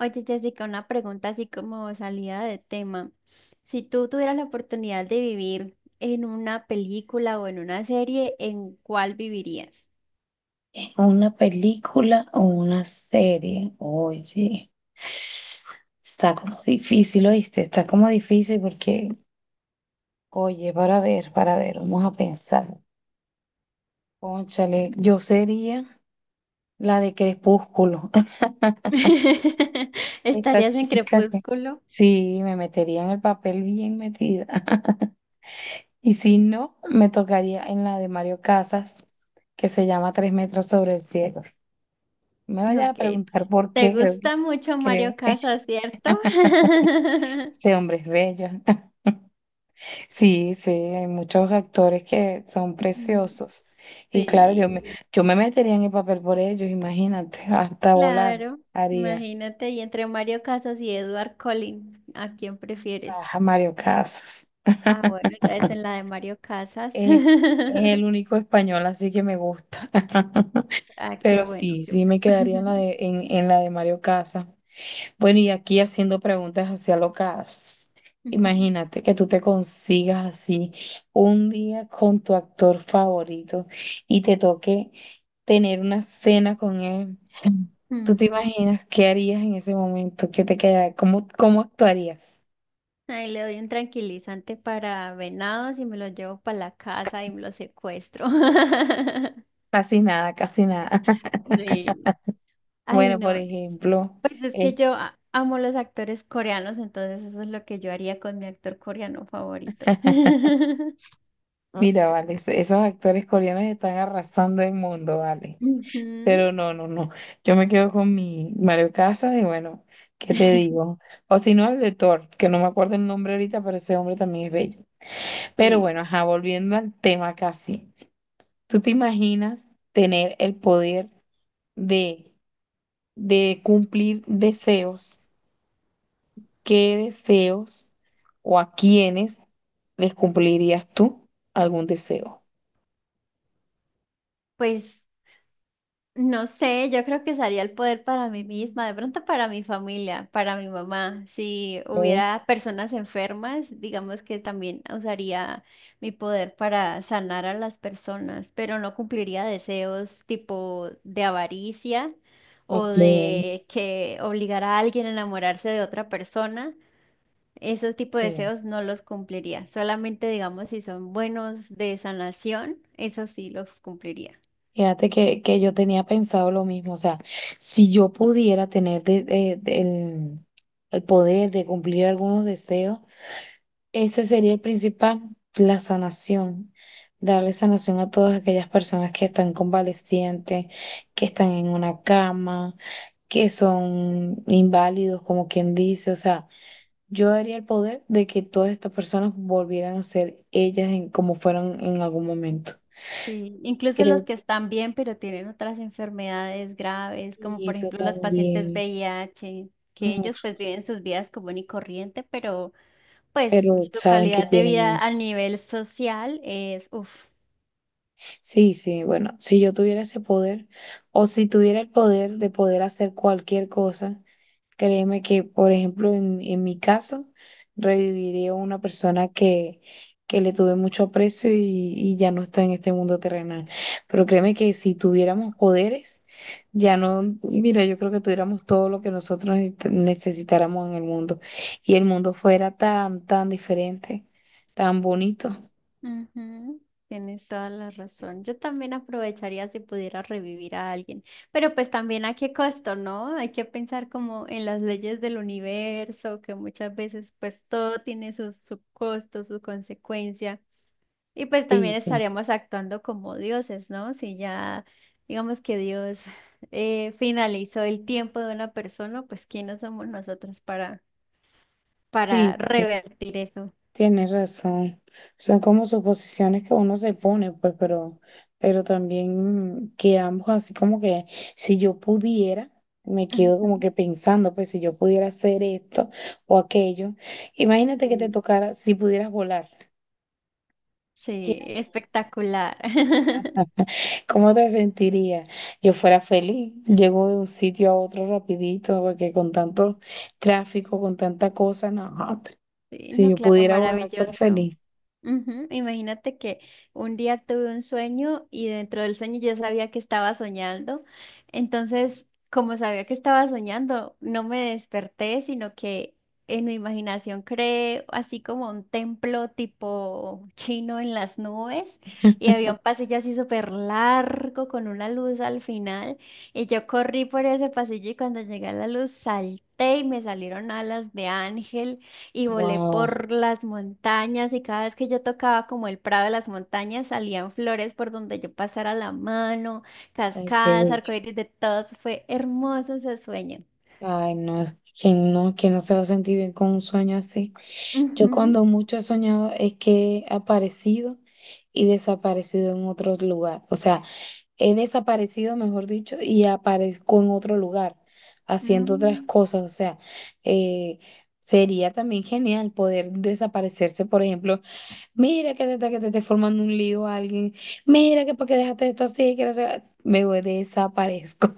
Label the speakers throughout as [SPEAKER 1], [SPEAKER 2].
[SPEAKER 1] Oye, Jessica, una pregunta así como salida de tema. Si tú tuvieras la oportunidad de vivir en una película o en una serie, ¿en cuál vivirías?
[SPEAKER 2] ¿En una película o una serie? Oye, está como difícil, ¿oíste? Está como difícil porque, oye, para ver, vamos a pensar. Cónchale, yo sería la de Crepúsculo. Esta
[SPEAKER 1] ¿Estarías en
[SPEAKER 2] chica que
[SPEAKER 1] Crepúsculo?
[SPEAKER 2] sí, me metería en el papel bien metida. Y si no, me tocaría en la de Mario Casas, que se llama Tres metros sobre el cielo. Me vayas a
[SPEAKER 1] Ok.
[SPEAKER 2] preguntar por
[SPEAKER 1] ¿Te
[SPEAKER 2] qué, creo que
[SPEAKER 1] gusta mucho
[SPEAKER 2] creo.
[SPEAKER 1] Mario Casas, cierto?
[SPEAKER 2] Ese hombre es bello. Sí, sí, hay muchos actores que son
[SPEAKER 1] Mm,
[SPEAKER 2] preciosos. Y claro,
[SPEAKER 1] sí,
[SPEAKER 2] yo me metería en el papel por ellos, imagínate, hasta volar
[SPEAKER 1] claro.
[SPEAKER 2] haría.
[SPEAKER 1] Imagínate, y entre Mario Casas y Edward Collins, ¿a quién prefieres?
[SPEAKER 2] Ajá, Mario Casas.
[SPEAKER 1] Ah, bueno, entonces en la de Mario Casas.
[SPEAKER 2] Eh, es el único español, así que me gusta.
[SPEAKER 1] Ah, qué
[SPEAKER 2] Pero
[SPEAKER 1] bueno,
[SPEAKER 2] sí,
[SPEAKER 1] qué
[SPEAKER 2] sí
[SPEAKER 1] bueno.
[SPEAKER 2] me quedaría en la de, en la de Mario Casas. Bueno, y aquí haciendo preguntas así alocadas.
[SPEAKER 1] Ujú.
[SPEAKER 2] Imagínate que tú te consigas así un día con tu actor favorito y te toque tener una cena con él. ¿Tú te
[SPEAKER 1] Mm.
[SPEAKER 2] imaginas qué harías en ese momento? ¿Qué te queda? Cómo actuarías?
[SPEAKER 1] Ahí le doy un tranquilizante para venados y me lo llevo para la casa y me lo secuestro.
[SPEAKER 2] Casi nada, casi nada.
[SPEAKER 1] Sí. Ay,
[SPEAKER 2] Bueno, por
[SPEAKER 1] no.
[SPEAKER 2] ejemplo,
[SPEAKER 1] Pues es que
[SPEAKER 2] eh,
[SPEAKER 1] yo amo los actores coreanos, entonces eso es lo que yo haría con mi actor coreano favorito.
[SPEAKER 2] mira, vale, esos actores coreanos están arrasando el mundo, vale.
[SPEAKER 1] Ujú.
[SPEAKER 2] Pero no, no, no. Yo me quedo con mi Mario Casas y bueno, ¿qué te digo? O si no, el de Thor, que no me acuerdo el nombre ahorita, pero ese hombre también es bello. Pero
[SPEAKER 1] Sí.
[SPEAKER 2] bueno, ajá, volviendo al tema casi. ¿Tú te imaginas tener el poder de, de cumplir deseos? ¿Qué deseos o a quiénes les cumplirías tú algún deseo?
[SPEAKER 1] Pues no sé, yo creo que usaría el poder para mí misma, de pronto para mi familia, para mi mamá. Si
[SPEAKER 2] Ok,
[SPEAKER 1] hubiera personas enfermas, digamos que también usaría mi poder para sanar a las personas, pero no cumpliría deseos tipo de avaricia o
[SPEAKER 2] ok.
[SPEAKER 1] de que obligar a alguien a enamorarse de otra persona. Esos tipo de deseos no los cumpliría. Solamente, digamos, si son buenos de sanación, eso sí los cumpliría.
[SPEAKER 2] Fíjate que yo tenía pensado lo mismo, o sea, si yo pudiera tener el poder de cumplir algunos deseos, ese sería el principal, la sanación, darle sanación a todas aquellas personas que están convalecientes, que están en una cama, que son inválidos, como quien dice, o sea, yo daría el poder de que todas estas personas volvieran a ser ellas en, como fueron en algún momento.
[SPEAKER 1] Sí, incluso los
[SPEAKER 2] Creo
[SPEAKER 1] que
[SPEAKER 2] que
[SPEAKER 1] están bien, pero tienen otras enfermedades graves, como por
[SPEAKER 2] eso
[SPEAKER 1] ejemplo los pacientes
[SPEAKER 2] también.
[SPEAKER 1] VIH, que ellos pues
[SPEAKER 2] Uf,
[SPEAKER 1] viven sus vidas común y corriente, pero pues
[SPEAKER 2] pero
[SPEAKER 1] su
[SPEAKER 2] saben que
[SPEAKER 1] calidad de
[SPEAKER 2] tienen
[SPEAKER 1] vida a
[SPEAKER 2] eso.
[SPEAKER 1] nivel social es, uff.
[SPEAKER 2] Sí, sí, bueno, si yo tuviera ese poder o si tuviera el poder de poder hacer cualquier cosa, créeme que, por ejemplo, en mi caso, reviviría a una persona que le tuve mucho aprecio y ya no está en este mundo terrenal. Pero créeme que si tuviéramos poderes, ya no, mira, yo creo que tuviéramos todo lo que nosotros necesitáramos en el mundo y el mundo fuera tan, tan diferente, tan bonito.
[SPEAKER 1] Ujú. Tienes toda la razón. Yo también aprovecharía si pudiera revivir a alguien, pero pues también a qué costo, ¿no? Hay que pensar como en las leyes del universo, que muchas veces pues todo tiene su costo, su consecuencia. Y pues
[SPEAKER 2] Sí,
[SPEAKER 1] también
[SPEAKER 2] sí,
[SPEAKER 1] estaríamos actuando como dioses, ¿no? Si ya, digamos que Dios finalizó el tiempo de una persona, pues ¿quiénes somos nosotros para,
[SPEAKER 2] sí,
[SPEAKER 1] para
[SPEAKER 2] sí,
[SPEAKER 1] revertir eso?
[SPEAKER 2] tienes razón. Son como suposiciones que uno se pone, pues, pero también quedamos así como que si yo pudiera, me quedo como
[SPEAKER 1] Ujú.
[SPEAKER 2] que pensando, pues, si yo pudiera hacer esto o aquello. Imagínate que te
[SPEAKER 1] Sí,
[SPEAKER 2] tocara, si pudieras volar.
[SPEAKER 1] sí, espectacular.
[SPEAKER 2] ¿Cómo te sentirías? Yo fuera feliz. Llego de un sitio a otro rapidito, porque con tanto tráfico, con tanta cosa, no.
[SPEAKER 1] Sí,
[SPEAKER 2] Si
[SPEAKER 1] no,
[SPEAKER 2] yo
[SPEAKER 1] claro,
[SPEAKER 2] pudiera volar, fuera
[SPEAKER 1] maravilloso.
[SPEAKER 2] feliz.
[SPEAKER 1] Ujú. Imagínate que un día tuve un sueño y dentro del sueño yo sabía que estaba soñando. Entonces, como sabía que estaba soñando, no me desperté, sino que en mi imaginación creé así como un templo tipo chino en las nubes y había un pasillo así súper largo con una luz al final y yo corrí por ese pasillo y cuando llegué a la luz salté y me salieron alas de ángel y volé
[SPEAKER 2] Wow.
[SPEAKER 1] por las montañas y cada vez que yo tocaba como el prado de las montañas salían flores por donde yo pasara la mano,
[SPEAKER 2] Ay, qué
[SPEAKER 1] cascadas,
[SPEAKER 2] bello.
[SPEAKER 1] arcoíris de todos. Fue hermoso ese sueño.
[SPEAKER 2] Ay, no, es que no se va a sentir bien con un sueño así. Yo
[SPEAKER 1] Ujú.
[SPEAKER 2] cuando mucho he soñado es que he aparecido y desaparecido en otro lugar. O sea, he desaparecido, mejor dicho, y aparezco en otro lugar haciendo otras
[SPEAKER 1] Mm.
[SPEAKER 2] cosas. O sea, eh, sería también genial poder desaparecerse, por ejemplo, mira que te esté formando un lío a alguien, mira que porque dejaste esto así, que no sé, me voy, desaparezco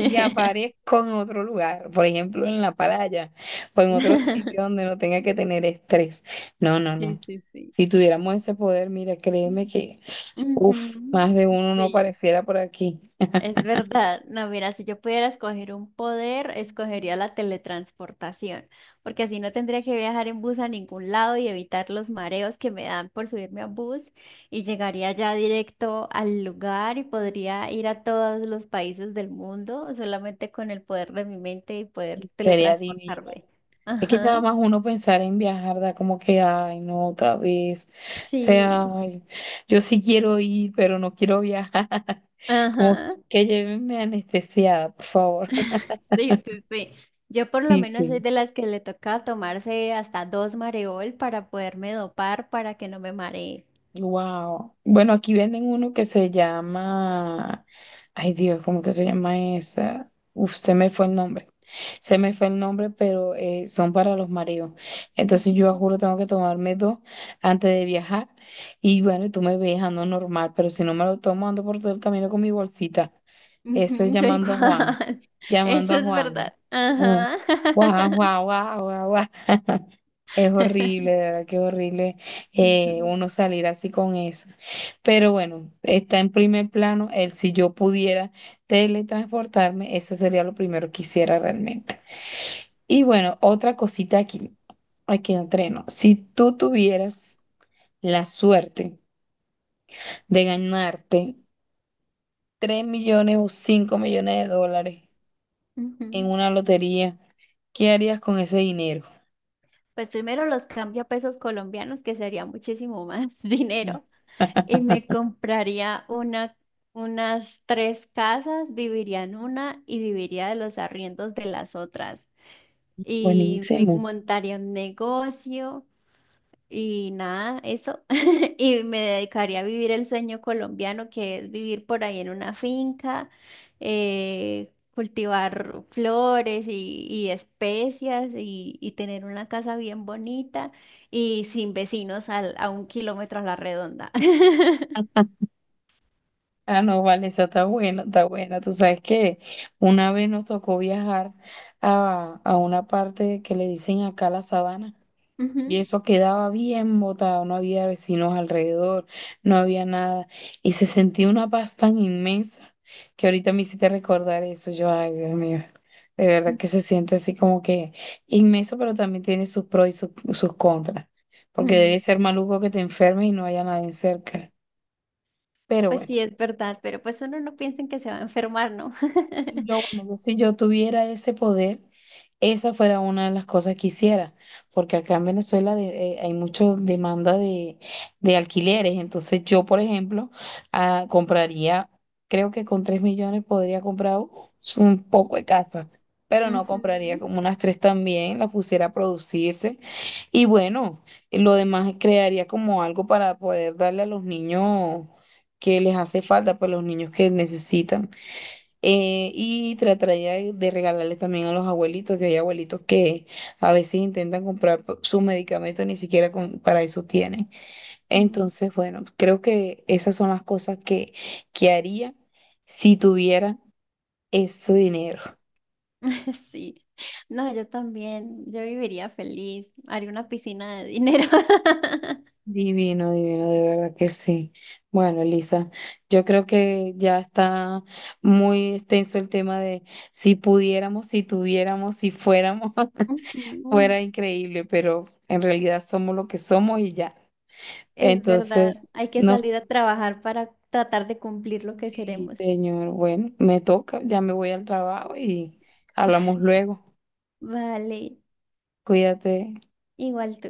[SPEAKER 2] y aparezco en otro lugar, por ejemplo, en la playa o en otro sitio donde no tenga que tener estrés. No, no,
[SPEAKER 1] Sí,
[SPEAKER 2] no.
[SPEAKER 1] sí, sí.
[SPEAKER 2] Si tuviéramos ese poder, mira, créeme que, uff,
[SPEAKER 1] Ujú.
[SPEAKER 2] más de uno no
[SPEAKER 1] Sí.
[SPEAKER 2] pareciera por aquí.
[SPEAKER 1] Es verdad, no, mira, si yo pudiera escoger un poder, escogería la teletransportación, porque así no tendría que viajar en bus a ningún lado y evitar los mareos que me dan por subirme a bus y llegaría ya directo al lugar y podría ir a todos los países del mundo solamente con el poder de mi mente y poder
[SPEAKER 2] Sería divino.
[SPEAKER 1] teletransportarme.
[SPEAKER 2] Es que nada
[SPEAKER 1] Ajá,
[SPEAKER 2] más uno pensar en viajar, da como que, ay, no, otra vez. O sea,
[SPEAKER 1] sí,
[SPEAKER 2] ay, yo sí quiero ir, pero no quiero viajar. Como
[SPEAKER 1] ajá.
[SPEAKER 2] que llévenme anestesiada, por favor.
[SPEAKER 1] Sí, sí, sí. Yo por lo
[SPEAKER 2] Sí,
[SPEAKER 1] menos
[SPEAKER 2] sí.
[SPEAKER 1] soy de las que le toca tomarse hasta dos mareol para poderme dopar para que no me maree.
[SPEAKER 2] Wow. Bueno, aquí venden uno que se llama, ay Dios, ¿cómo que se llama esa? Uf, se me fue el nombre. Se me fue el nombre, pero son para los mareos. Entonces yo
[SPEAKER 1] Ujú,
[SPEAKER 2] juro tengo que tomarme 2 antes de viajar. Y bueno, tú me ves, ando normal, pero si no me lo tomo, ando por todo el camino con mi bolsita. Eso es
[SPEAKER 1] yo
[SPEAKER 2] llamando a Juan
[SPEAKER 1] igual.
[SPEAKER 2] llamando
[SPEAKER 1] Eso
[SPEAKER 2] a
[SPEAKER 1] es
[SPEAKER 2] Juan.
[SPEAKER 1] verdad.
[SPEAKER 2] Mm.
[SPEAKER 1] Ajá.
[SPEAKER 2] Guau, guau, guau, guau, guau. Es horrible, de verdad que es horrible
[SPEAKER 1] Ujú,
[SPEAKER 2] uno salir así con eso. Pero bueno, está en primer plano. El si yo pudiera teletransportarme, eso sería lo primero que hiciera realmente. Y bueno, otra cosita aquí, aquí entreno. Si tú tuvieras la suerte de ganarte 3 millones o 5 millones de dólares, en
[SPEAKER 1] ujú.
[SPEAKER 2] una lotería, ¿qué harías con ese dinero?
[SPEAKER 1] Pues primero los cambio a pesos colombianos, que sería muchísimo más
[SPEAKER 2] Mm.
[SPEAKER 1] dinero, y me compraría una, unas tres casas, viviría en una y viviría de los arriendos de las otras. Y me
[SPEAKER 2] Buenísimo.
[SPEAKER 1] montaría un negocio y nada, eso. Y me dedicaría a vivir el sueño colombiano, que es vivir por ahí en una finca, cultivar flores y especias y tener una casa bien bonita y sin vecinos a 1 kilómetro a la redonda.
[SPEAKER 2] Ah, no, vale, esa está buena, está buena. Tú sabes que una vez nos tocó viajar a una parte que le dicen acá la sabana. Y
[SPEAKER 1] Ujú.
[SPEAKER 2] eso quedaba bien botado, no había vecinos alrededor, no había nada. Y se sentía una paz tan inmensa que ahorita me hiciste recordar eso. Yo, ay, Dios mío, de verdad que se siente así como que inmenso, pero también tiene sus pros sus contras. Porque debe
[SPEAKER 1] Mm.
[SPEAKER 2] ser maluco que te enfermes y no haya nadie cerca. Pero
[SPEAKER 1] Pues
[SPEAKER 2] bueno.
[SPEAKER 1] sí, es verdad, pero pues uno no piensa en que se va a enfermar, ¿no?
[SPEAKER 2] Yo, bueno, yo, si yo tuviera ese poder, esa fuera una de las cosas que hiciera, porque acá en Venezuela hay mucha demanda de alquileres, entonces yo, por ejemplo, ah, compraría, creo que con 3 millones podría comprar un poco de casa, pero no
[SPEAKER 1] Ujú.
[SPEAKER 2] compraría como unas 3 también, las pusiera a producirse y bueno, lo demás crearía como algo para poder darle a los niños que les hace falta, pues los niños que necesitan. Y trataría de regalarle también a los abuelitos, que hay abuelitos que a veces intentan comprar sus medicamentos, ni siquiera para eso tienen.
[SPEAKER 1] Mm.
[SPEAKER 2] Entonces, bueno, creo que esas son las cosas que haría si tuviera ese dinero.
[SPEAKER 1] Sí, no, yo también, yo viviría feliz, haría una piscina de dinero.
[SPEAKER 2] Divino, divino, de verdad que sí. Bueno, Elisa, yo creo que ya está muy extenso el tema de si pudiéramos, si tuviéramos, si fuéramos.
[SPEAKER 1] Ujú.
[SPEAKER 2] Fuera increíble, pero en realidad somos lo que somos y ya.
[SPEAKER 1] Es verdad,
[SPEAKER 2] Entonces,
[SPEAKER 1] hay que
[SPEAKER 2] no,
[SPEAKER 1] salir a trabajar para tratar de cumplir lo que
[SPEAKER 2] sí,
[SPEAKER 1] queremos.
[SPEAKER 2] señor, bueno, me toca, ya me voy al trabajo y hablamos luego.
[SPEAKER 1] Vale,
[SPEAKER 2] Cuídate.
[SPEAKER 1] igual